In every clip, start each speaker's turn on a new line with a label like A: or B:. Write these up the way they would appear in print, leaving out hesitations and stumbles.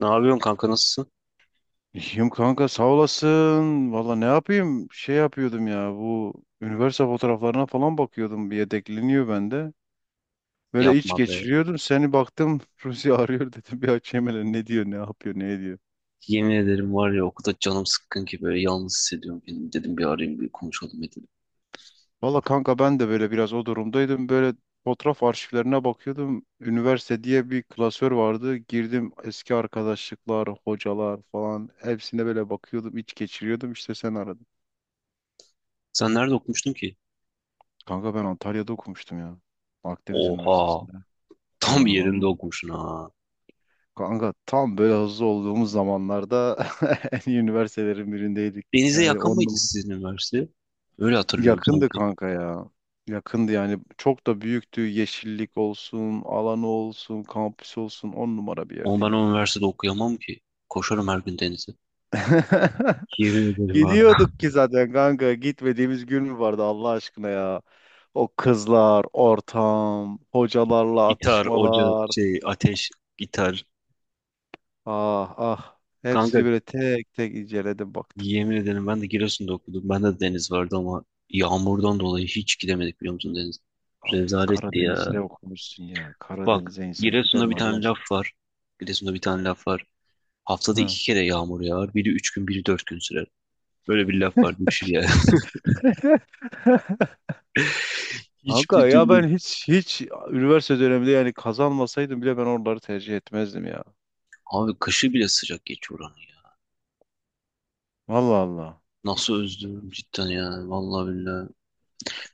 A: Ne yapıyorsun kanka, nasılsın?
B: İyiyim kanka sağ olasın. Valla ne yapayım? Şey yapıyordum ya bu üniversite fotoğraflarına falan bakıyordum. Bir yedekleniyor bende. Böyle iç
A: Yapma be.
B: geçiriyordum. Seni baktım Ruzi arıyor dedim. Bir açayım hele ne diyor ne yapıyor ne ediyor.
A: Yemin ederim var ya, okulda canım sıkkın ki böyle yalnız hissediyorum kendimi. Dedim bir arayayım, bir konuşalım dedim.
B: Valla kanka ben de böyle biraz o durumdaydım. Böyle fotoğraf arşivlerine bakıyordum. Üniversite diye bir klasör vardı. Girdim eski arkadaşlıklar, hocalar falan. Hepsine böyle bakıyordum iç geçiriyordum. İşte sen aradın.
A: Sen nerede okumuştun ki?
B: Kanka ben Antalya'da okumuştum ya. Akdeniz
A: Oha.
B: Üniversitesi'nde.
A: Tam
B: Ha,
A: yerinde
B: vallahi.
A: okumuşsun ha.
B: Kanka tam böyle hızlı olduğumuz zamanlarda en iyi üniversitelerin birindeydik.
A: Denize
B: Yani
A: yakın mıydı
B: onunla
A: sizin üniversite? Öyle hatırlıyorum
B: yakındı
A: sanki.
B: kanka ya. Yakındı yani çok da büyüktü. Yeşillik olsun, alanı olsun, kampüs olsun on numara bir yerdi
A: Ama ben o
B: inan.
A: üniversitede okuyamam ki. Koşarım her gün denize. Yemin ederim ha.
B: Gidiyorduk ki zaten kanka gitmediğimiz gün mü vardı Allah aşkına ya. O kızlar, ortam, hocalarla
A: Gitar, oca,
B: atışmalar.
A: şey, ateş, gitar.
B: Ah ah
A: Kanka
B: hepsini böyle tek tek inceledim baktım.
A: yemin ederim ben de Giresun'da okudum. Ben de deniz vardı ama yağmurdan dolayı hiç gidemedik, biliyor musun, deniz?
B: Abi
A: Rezaletti
B: Karadeniz'de
A: ya.
B: okumuşsun ya.
A: Bak,
B: Karadeniz'e insan gider
A: Giresun'da
B: mi
A: bir
B: Allah
A: tane laf
B: aşkına?
A: var. Giresun'da bir tane laf var. Haftada
B: Hı.
A: iki kere yağmur yağar. Biri üç gün, biri dört gün sürer. Böyle bir laf var. Düşün yani.
B: Kanka
A: Hiçbir
B: ya
A: türlü.
B: ben hiç üniversite döneminde yani kazanmasaydım bile ben oraları tercih etmezdim ya.
A: Abi kışı bile sıcak geçiyor oranın ya.
B: Allah Allah.
A: Nasıl özlüyorum cidden ya. Vallahi billahi.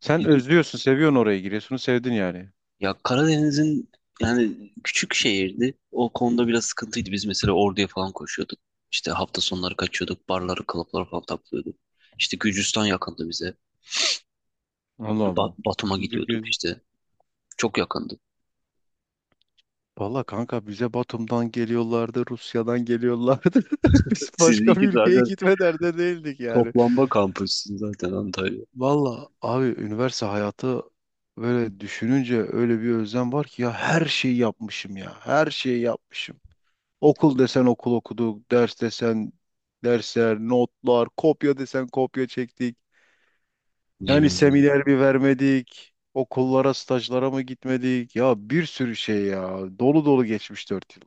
B: Sen özlüyorsun, seviyorsun orayı. Giresun'u sevdin yani.
A: Ya Karadeniz'in yani, küçük şehirdi. O konuda biraz sıkıntıydı. Biz mesela Ordu'ya falan koşuyorduk. İşte hafta sonları kaçıyorduk. Barları, klapları falan taklıyorduk. İşte Gürcistan yakındı bize.
B: Allah Allah.
A: Batum'a
B: Gidip
A: gidiyorduk
B: gidip.
A: işte. Çok yakındı.
B: Valla kanka bize Batum'dan geliyorlardı, Rusya'dan geliyorlardı. Biz
A: Siz
B: başka bir
A: iki
B: ülkeye
A: tane
B: gitme derdinde değildik yani.
A: toplanma kampüsünüz zaten Antalya.
B: Valla abi üniversite hayatı böyle düşününce öyle bir özlem var ki ya her şeyi yapmışım ya. Her şeyi yapmışım. Okul desen okul okuduk, ders desen dersler, notlar, kopya desen kopya çektik.
A: Yemin
B: Yani
A: ederim.
B: seminer bir vermedik. Okullara, stajlara mı gitmedik? Ya bir sürü şey ya. Dolu dolu geçmiş 4 yıl.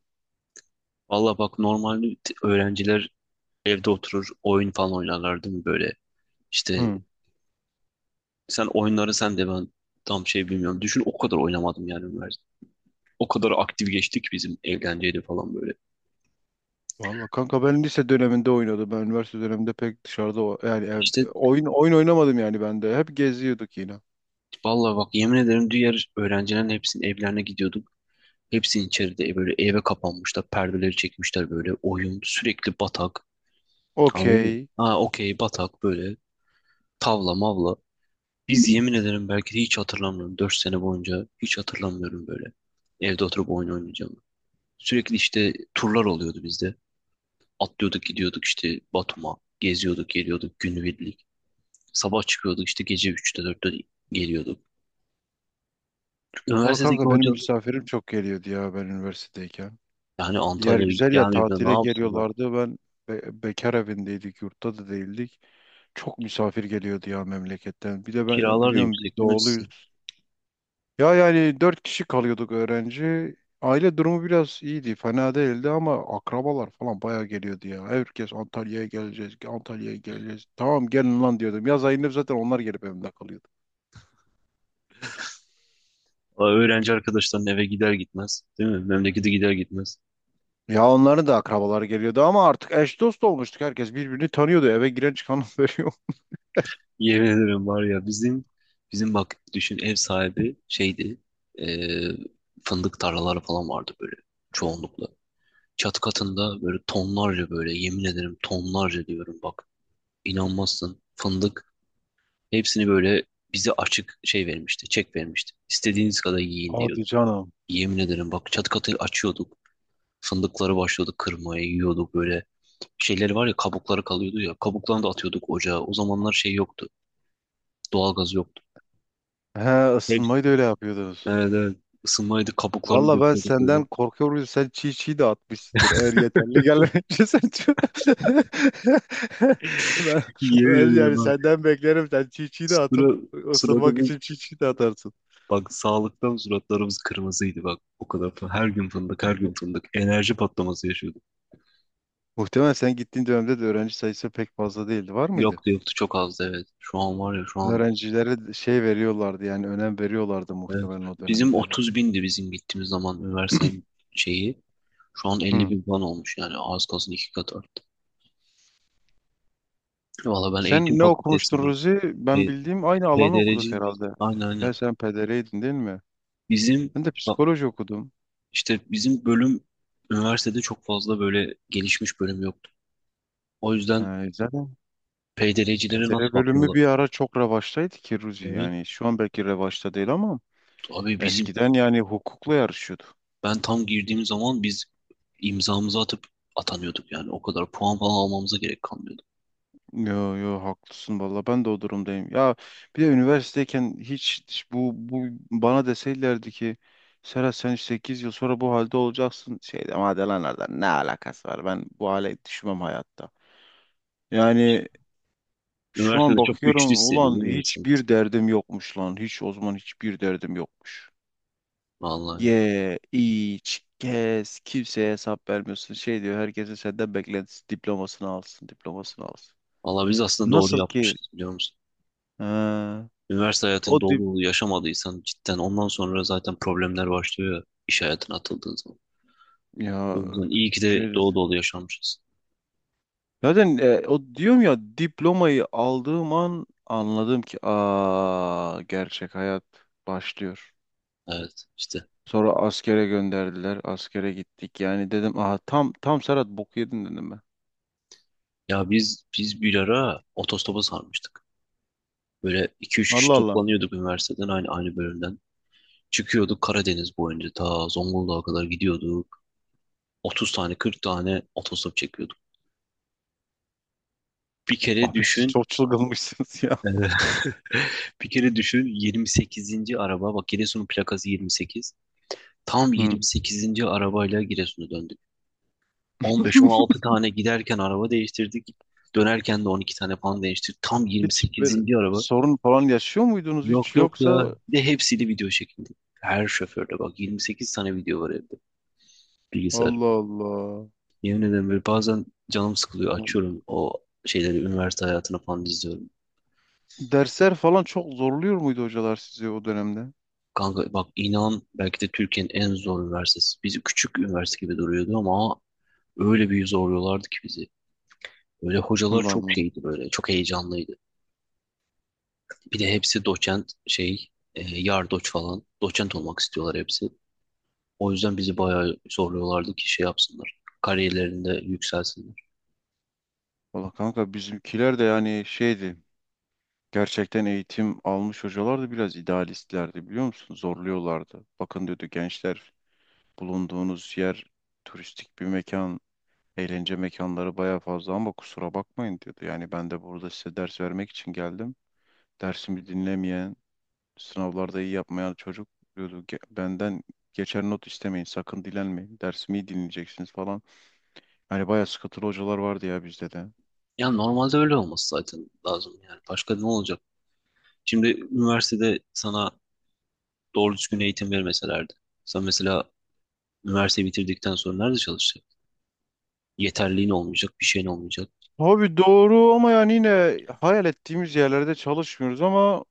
A: Valla bak, normalde öğrenciler evde oturur, oyun falan oynarlar değil mi böyle? İşte
B: Hı.
A: sen oyunları, sen de ben tam şey bilmiyorum. Düşün, o kadar oynamadım yani. O kadar aktif geçtik, bizim eğlenceydi falan böyle.
B: Valla kanka ben lise döneminde oynadım. Ben üniversite döneminde pek dışarıda yani
A: İşte
B: evde, oyun oynamadım yani ben de. Hep geziyorduk yine.
A: vallahi bak, yemin ederim diğer öğrencilerin hepsinin evlerine gidiyorduk. Hepsinin içeride böyle eve kapanmışlar. Perdeleri çekmişler böyle. Oyun sürekli batak. Anladın mı?
B: Okey.
A: Ha, okey batak böyle. Tavla mavla. Biz yemin ederim, belki de hiç hatırlamıyorum, 4 sene boyunca hiç hatırlamıyorum böyle. Evde oturup oyun oynayacağımı. Sürekli işte turlar oluyordu bizde. Atlıyorduk gidiyorduk işte Batum'a. Geziyorduk geliyorduk günübirlik. Sabah çıkıyorduk, işte gece üçte dörtte geliyorduk.
B: Valla
A: Üniversitedeki
B: kanka benim
A: hocalar
B: misafirim çok geliyordu ya ben üniversitedeyken.
A: yani
B: Yer
A: Antalya'ya
B: güzel ya
A: gelmeyip de ne
B: tatile
A: yapsınlar?
B: geliyorlardı. Ben bekar evindeydik, yurtta da değildik. Çok misafir geliyordu ya memleketten. Bir de ben
A: Kiralar da
B: biliyorum biz
A: yüksek değil mi sizin?
B: doğuluyuz. Ya yani 4 kişi kalıyorduk öğrenci. Aile durumu biraz iyiydi, fena değildi ama akrabalar falan bayağı geliyordu ya. Herkes Antalya'ya geleceğiz, Antalya'ya geleceğiz. Tamam gelin lan diyordum. Yaz ayında zaten onlar gelip evimde kalıyordu.
A: Aa, öğrenci arkadaşların eve gider gitmez değil mi? Memlekete gider gitmez.
B: Ya onların da akrabaları geliyordu ama artık eş dost olmuştuk. Herkes birbirini tanıyordu. Eve giren çıkanı veriyor.
A: Yemin ederim var ya, bizim bak düşün ev sahibi şeydi, eee, fındık tarlaları falan vardı böyle çoğunlukla. Çat katında böyle tonlarca, böyle yemin ederim tonlarca diyorum bak, inanmazsın, fındık. Hepsini böyle bize açık şey vermişti, çek vermişti. İstediğiniz kadar yiyin diyordu.
B: Hadi canım.
A: Yemin ederim bak, çat katı açıyorduk. Fındıkları başlıyorduk kırmaya, yiyorduk böyle. Şeyleri var ya, kabukları kalıyordu ya. Kabuklarını da atıyorduk ocağa. O zamanlar şey yoktu. Doğalgaz yoktu.
B: He
A: Hep,
B: ısınmayı da öyle yapıyordunuz.
A: evet, evet. Isınmaydı, kabuklarını
B: Valla ben
A: döküyorduk böyle.
B: senden korkuyorum. Sen çiğ çiğ de atmışsındır. Eğer yeterli gelmeyince sen ben,
A: Yemin
B: ben
A: ederim
B: yani
A: bak.
B: senden beklerim. Sen çiğ çiğ de atıp
A: Sıra, sırada
B: ısınmak
A: bir
B: için çiğ çiğ de atarsın.
A: bak sağlıktan suratlarımız kırmızıydı bak. O kadar her gün fındık, her gün fındık. Enerji patlaması yaşıyorduk.
B: Muhtemelen sen gittiğin dönemde de öğrenci sayısı pek fazla değildi. Var mıydı?
A: Yoktu yoktu, çok azdı, evet. Şu an var ya, şu an
B: Öğrencilere şey veriyorlardı yani önem veriyorlardı
A: evet.
B: muhtemelen o
A: Bizim
B: dönemde.
A: 30 bindi bizim gittiğimiz zaman üniversitenin şeyi. Şu an 50
B: Hı.
A: bin falan olmuş yani, az kalsın iki kat arttı. Valla ben eğitim
B: Sen ne okumuştun
A: fakültesindeyim.
B: Ruzi? Ben
A: E,
B: bildiğim aynı alanı okuduk
A: PDR'ciyim.
B: herhalde.
A: Aynen
B: Ben
A: aynen.
B: sen PDR'ydin değil mi?
A: Bizim
B: Ben de
A: bak
B: psikoloji okudum.
A: işte bizim bölüm üniversitede çok fazla böyle gelişmiş bölüm yoktu. O yüzden
B: Ha, zaten
A: PDR'cilere nasıl
B: PDR bölümü
A: bakıyorlar?
B: bir ara çok revaçtaydı ki Ruzi.
A: Evet.
B: Yani şu an belki revaçta değil ama
A: Abi bizim
B: eskiden yani hukukla yarışıyordu.
A: ben tam girdiğim zaman imzamızı atıp atanıyorduk yani, o kadar puan falan almamıza gerek kalmıyordu.
B: Yo yo haklısın valla ben de o durumdayım. Ya bir de üniversiteyken hiç bu bana deseydilerdi ki Serhat sen 8 yıl sonra bu halde olacaksın. Şey demem hadi lan oradan ne alakası var ben bu hale düşmem hayatta. Yani şu
A: Üniversitede
B: an
A: çok
B: bakıyorum
A: güçlü
B: ulan
A: hissediyordum insan.
B: hiçbir derdim yokmuş lan. Hiç o zaman hiçbir derdim yokmuş.
A: Vallahi.
B: Ye, iç, gez, kimseye hesap vermiyorsun. Şey diyor herkesin senden beklentisi diplomasını alsın, diplomasını alsın.
A: Valla biz aslında doğru
B: Nasıl ki
A: yapmışız, biliyor musun?
B: ha,
A: Üniversite
B: o
A: hayatını dolu
B: dip
A: dolu yaşamadıysan cidden ondan sonra zaten problemler başlıyor ya, iş hayatına atıldığın zaman. O
B: ya
A: yüzden iyi ki de
B: şey
A: dolu dolu yaşamışız.
B: zaten o diyorum ya diplomayı aldığım an anladım ki aa gerçek hayat başlıyor.
A: Evet işte.
B: Sonra askere gönderdiler. Askere gittik. Yani dedim aha tam tam Serhat bok yedin dedim ben.
A: Ya biz bir ara otostopa sarmıştık. Böyle iki üç kişi
B: Allah Allah.
A: toplanıyorduk üniversiteden, aynı bölümden. Çıkıyorduk Karadeniz boyunca ta Zonguldak'a kadar gidiyorduk. 30 tane, 40 tane otostop çekiyorduk. Bir kere
B: Abi siz
A: düşün,
B: çok çılgınmışsınız ya.
A: bir kere düşün, 28. araba, bak Giresun'un plakası 28. Tam
B: Hı.
A: 28. arabayla Giresun'a döndük. 15-16 tane giderken araba değiştirdik. Dönerken de 12 tane falan değiştirdik. Tam
B: Hiç böyle
A: 28. araba.
B: sorun falan yaşıyor muydunuz
A: Yok
B: hiç
A: yok
B: yoksa
A: ya. Bir de hepsiyle video çekildi. Her şoförle bak, 28 tane video var evde. Bilgisayar.
B: Allah Allah.
A: Yemin ederim böyle bazen canım sıkılıyor. Açıyorum o şeyleri, üniversite hayatını falan izliyorum.
B: Dersler falan çok zorluyor muydu hocalar sizi o dönemde?
A: Kanka bak, inan belki de Türkiye'nin en zor üniversitesi. Bizi küçük üniversite gibi duruyordu ama öyle bir zorluyorlardı ki bizi. Böyle hocalar
B: Allah
A: çok
B: Allah.
A: şeydi böyle. Çok heyecanlıydı. Bir de hepsi doçent şey, yardoç falan. Doçent olmak istiyorlar hepsi. O yüzden bizi bayağı zorluyorlardı ki şey yapsınlar, kariyerlerinde yükselsinler.
B: Valla kanka bizimkiler de yani şeydi. Gerçekten eğitim almış hocalar da biraz idealistlerdi biliyor musun? Zorluyorlardı. Bakın diyordu gençler bulunduğunuz yer turistik bir mekan, eğlence mekanları baya fazla ama kusura bakmayın diyordu. Yani ben de burada size ders vermek için geldim. Dersimi dinlemeyen, sınavlarda iyi yapmayan çocuk diyordu. Benden geçer not istemeyin, sakın dilenmeyin. Dersimi iyi dinleyeceksiniz falan. Hani baya sıkıntılı hocalar vardı ya bizde de.
A: Yani normalde öyle olması zaten lazım yani. Başka ne olacak? Şimdi üniversitede sana doğru düzgün eğitim vermeselerdi, sen mesela üniversiteyi bitirdikten sonra nerede çalışacaksın? Yeterliğin olmayacak, bir şeyin olmayacak.
B: Abi doğru ama yani yine hayal ettiğimiz yerlerde çalışmıyoruz ama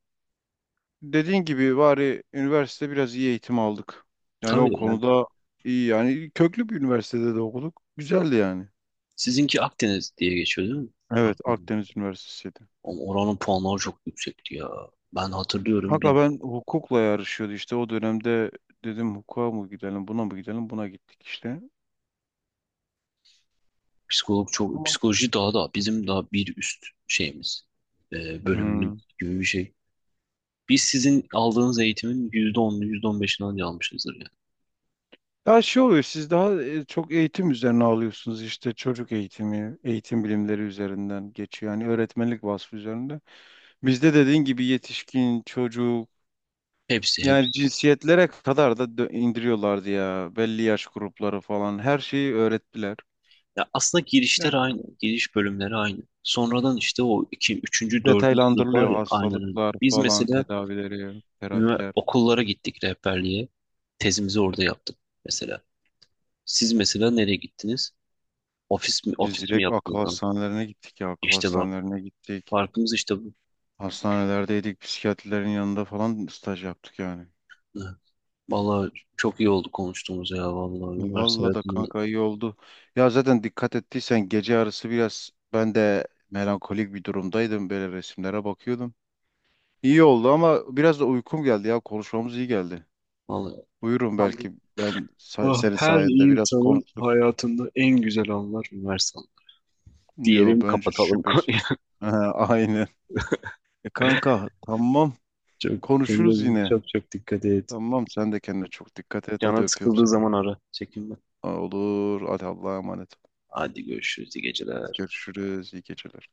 B: dediğin gibi bari üniversite biraz iyi eğitim aldık. Yani
A: Tabii
B: o
A: de yani.
B: konuda iyi yani köklü bir üniversitede de okuduk. Güzeldi yani.
A: Sizinki Akdeniz diye geçiyor değil mi?
B: Evet
A: Akdeniz.
B: Akdeniz Üniversitesi'ydi.
A: Ama oranın puanları çok yüksekti ya. Ben hatırlıyorum
B: Hatta
A: bir
B: ben hukukla yarışıyordu işte o dönemde dedim hukuka mı gidelim buna mı gidelim buna gittik işte.
A: psikolog çok,
B: Tamam.
A: psikoloji daha da bizim daha bir üst şeyimiz, bölümümüz
B: Hmm.
A: gibi bir şey. Biz sizin aldığınız eğitimin %10'unu, yüzde on beşini anca almışızdır yani.
B: Ya şey oluyor siz daha çok eğitim üzerine alıyorsunuz işte çocuk eğitimi, eğitim bilimleri üzerinden geçiyor. Yani öğretmenlik vasfı üzerinde. Bizde dediğin gibi yetişkin, çocuk,
A: Hepsi hepsi.
B: yani cinsiyetlere kadar da indiriyorlardı ya. Belli yaş grupları falan. Her şeyi öğrettiler.
A: Ya aslında girişler
B: Ya,
A: aynı. Giriş bölümleri aynı. Sonradan işte o iki, üçüncü, dördüncü sınıf var
B: detaylandırılıyor
A: ya, aynen öyle.
B: hastalıklar
A: Biz
B: falan,
A: mesela
B: tedavileri, terapiler.
A: okullara gittik rehberliğe. Tezimizi orada yaptık mesela. Siz mesela nereye gittiniz? Ofis mi,
B: Biz
A: ofis mi
B: direkt akıl
A: yaptınız lan?
B: hastanelerine gittik ya. Akıl
A: İşte bak,
B: hastanelerine gittik.
A: farkımız işte bu.
B: Hastanelerdeydik. Psikiyatrilerin yanında falan staj yaptık yani.
A: Vallahi çok iyi oldu konuştuğumuz ya, vallahi üniversite
B: Vallahi da
A: hayatını
B: kanka iyi oldu. Ya zaten dikkat ettiysen gece yarısı biraz ben de melankolik bir durumdaydım. Böyle resimlere bakıyordum. İyi oldu ama biraz da uykum geldi ya. Konuşmamız iyi geldi.
A: vallahi
B: Buyurun
A: tam.
B: belki ben
A: Ah,
B: senin
A: her
B: sayende biraz
A: insanın
B: konuştuk.
A: hayatında en güzel anlar üniversite anı.
B: Yo
A: Diyelim,
B: bence
A: kapatalım konuyu.
B: şüphesiz. Ha, aynen. E kanka tamam
A: Çok,
B: konuşuruz
A: kendine
B: yine.
A: çok çok dikkat et.
B: Tamam sen de kendine çok dikkat et hadi
A: Canın
B: öpüyorum
A: sıkıldığı
B: seni.
A: zaman ara. Çekinme.
B: Olur hadi Allah'a emanet.
A: Hadi görüşürüz. İyi geceler.
B: Görüşürüz iyi geceler.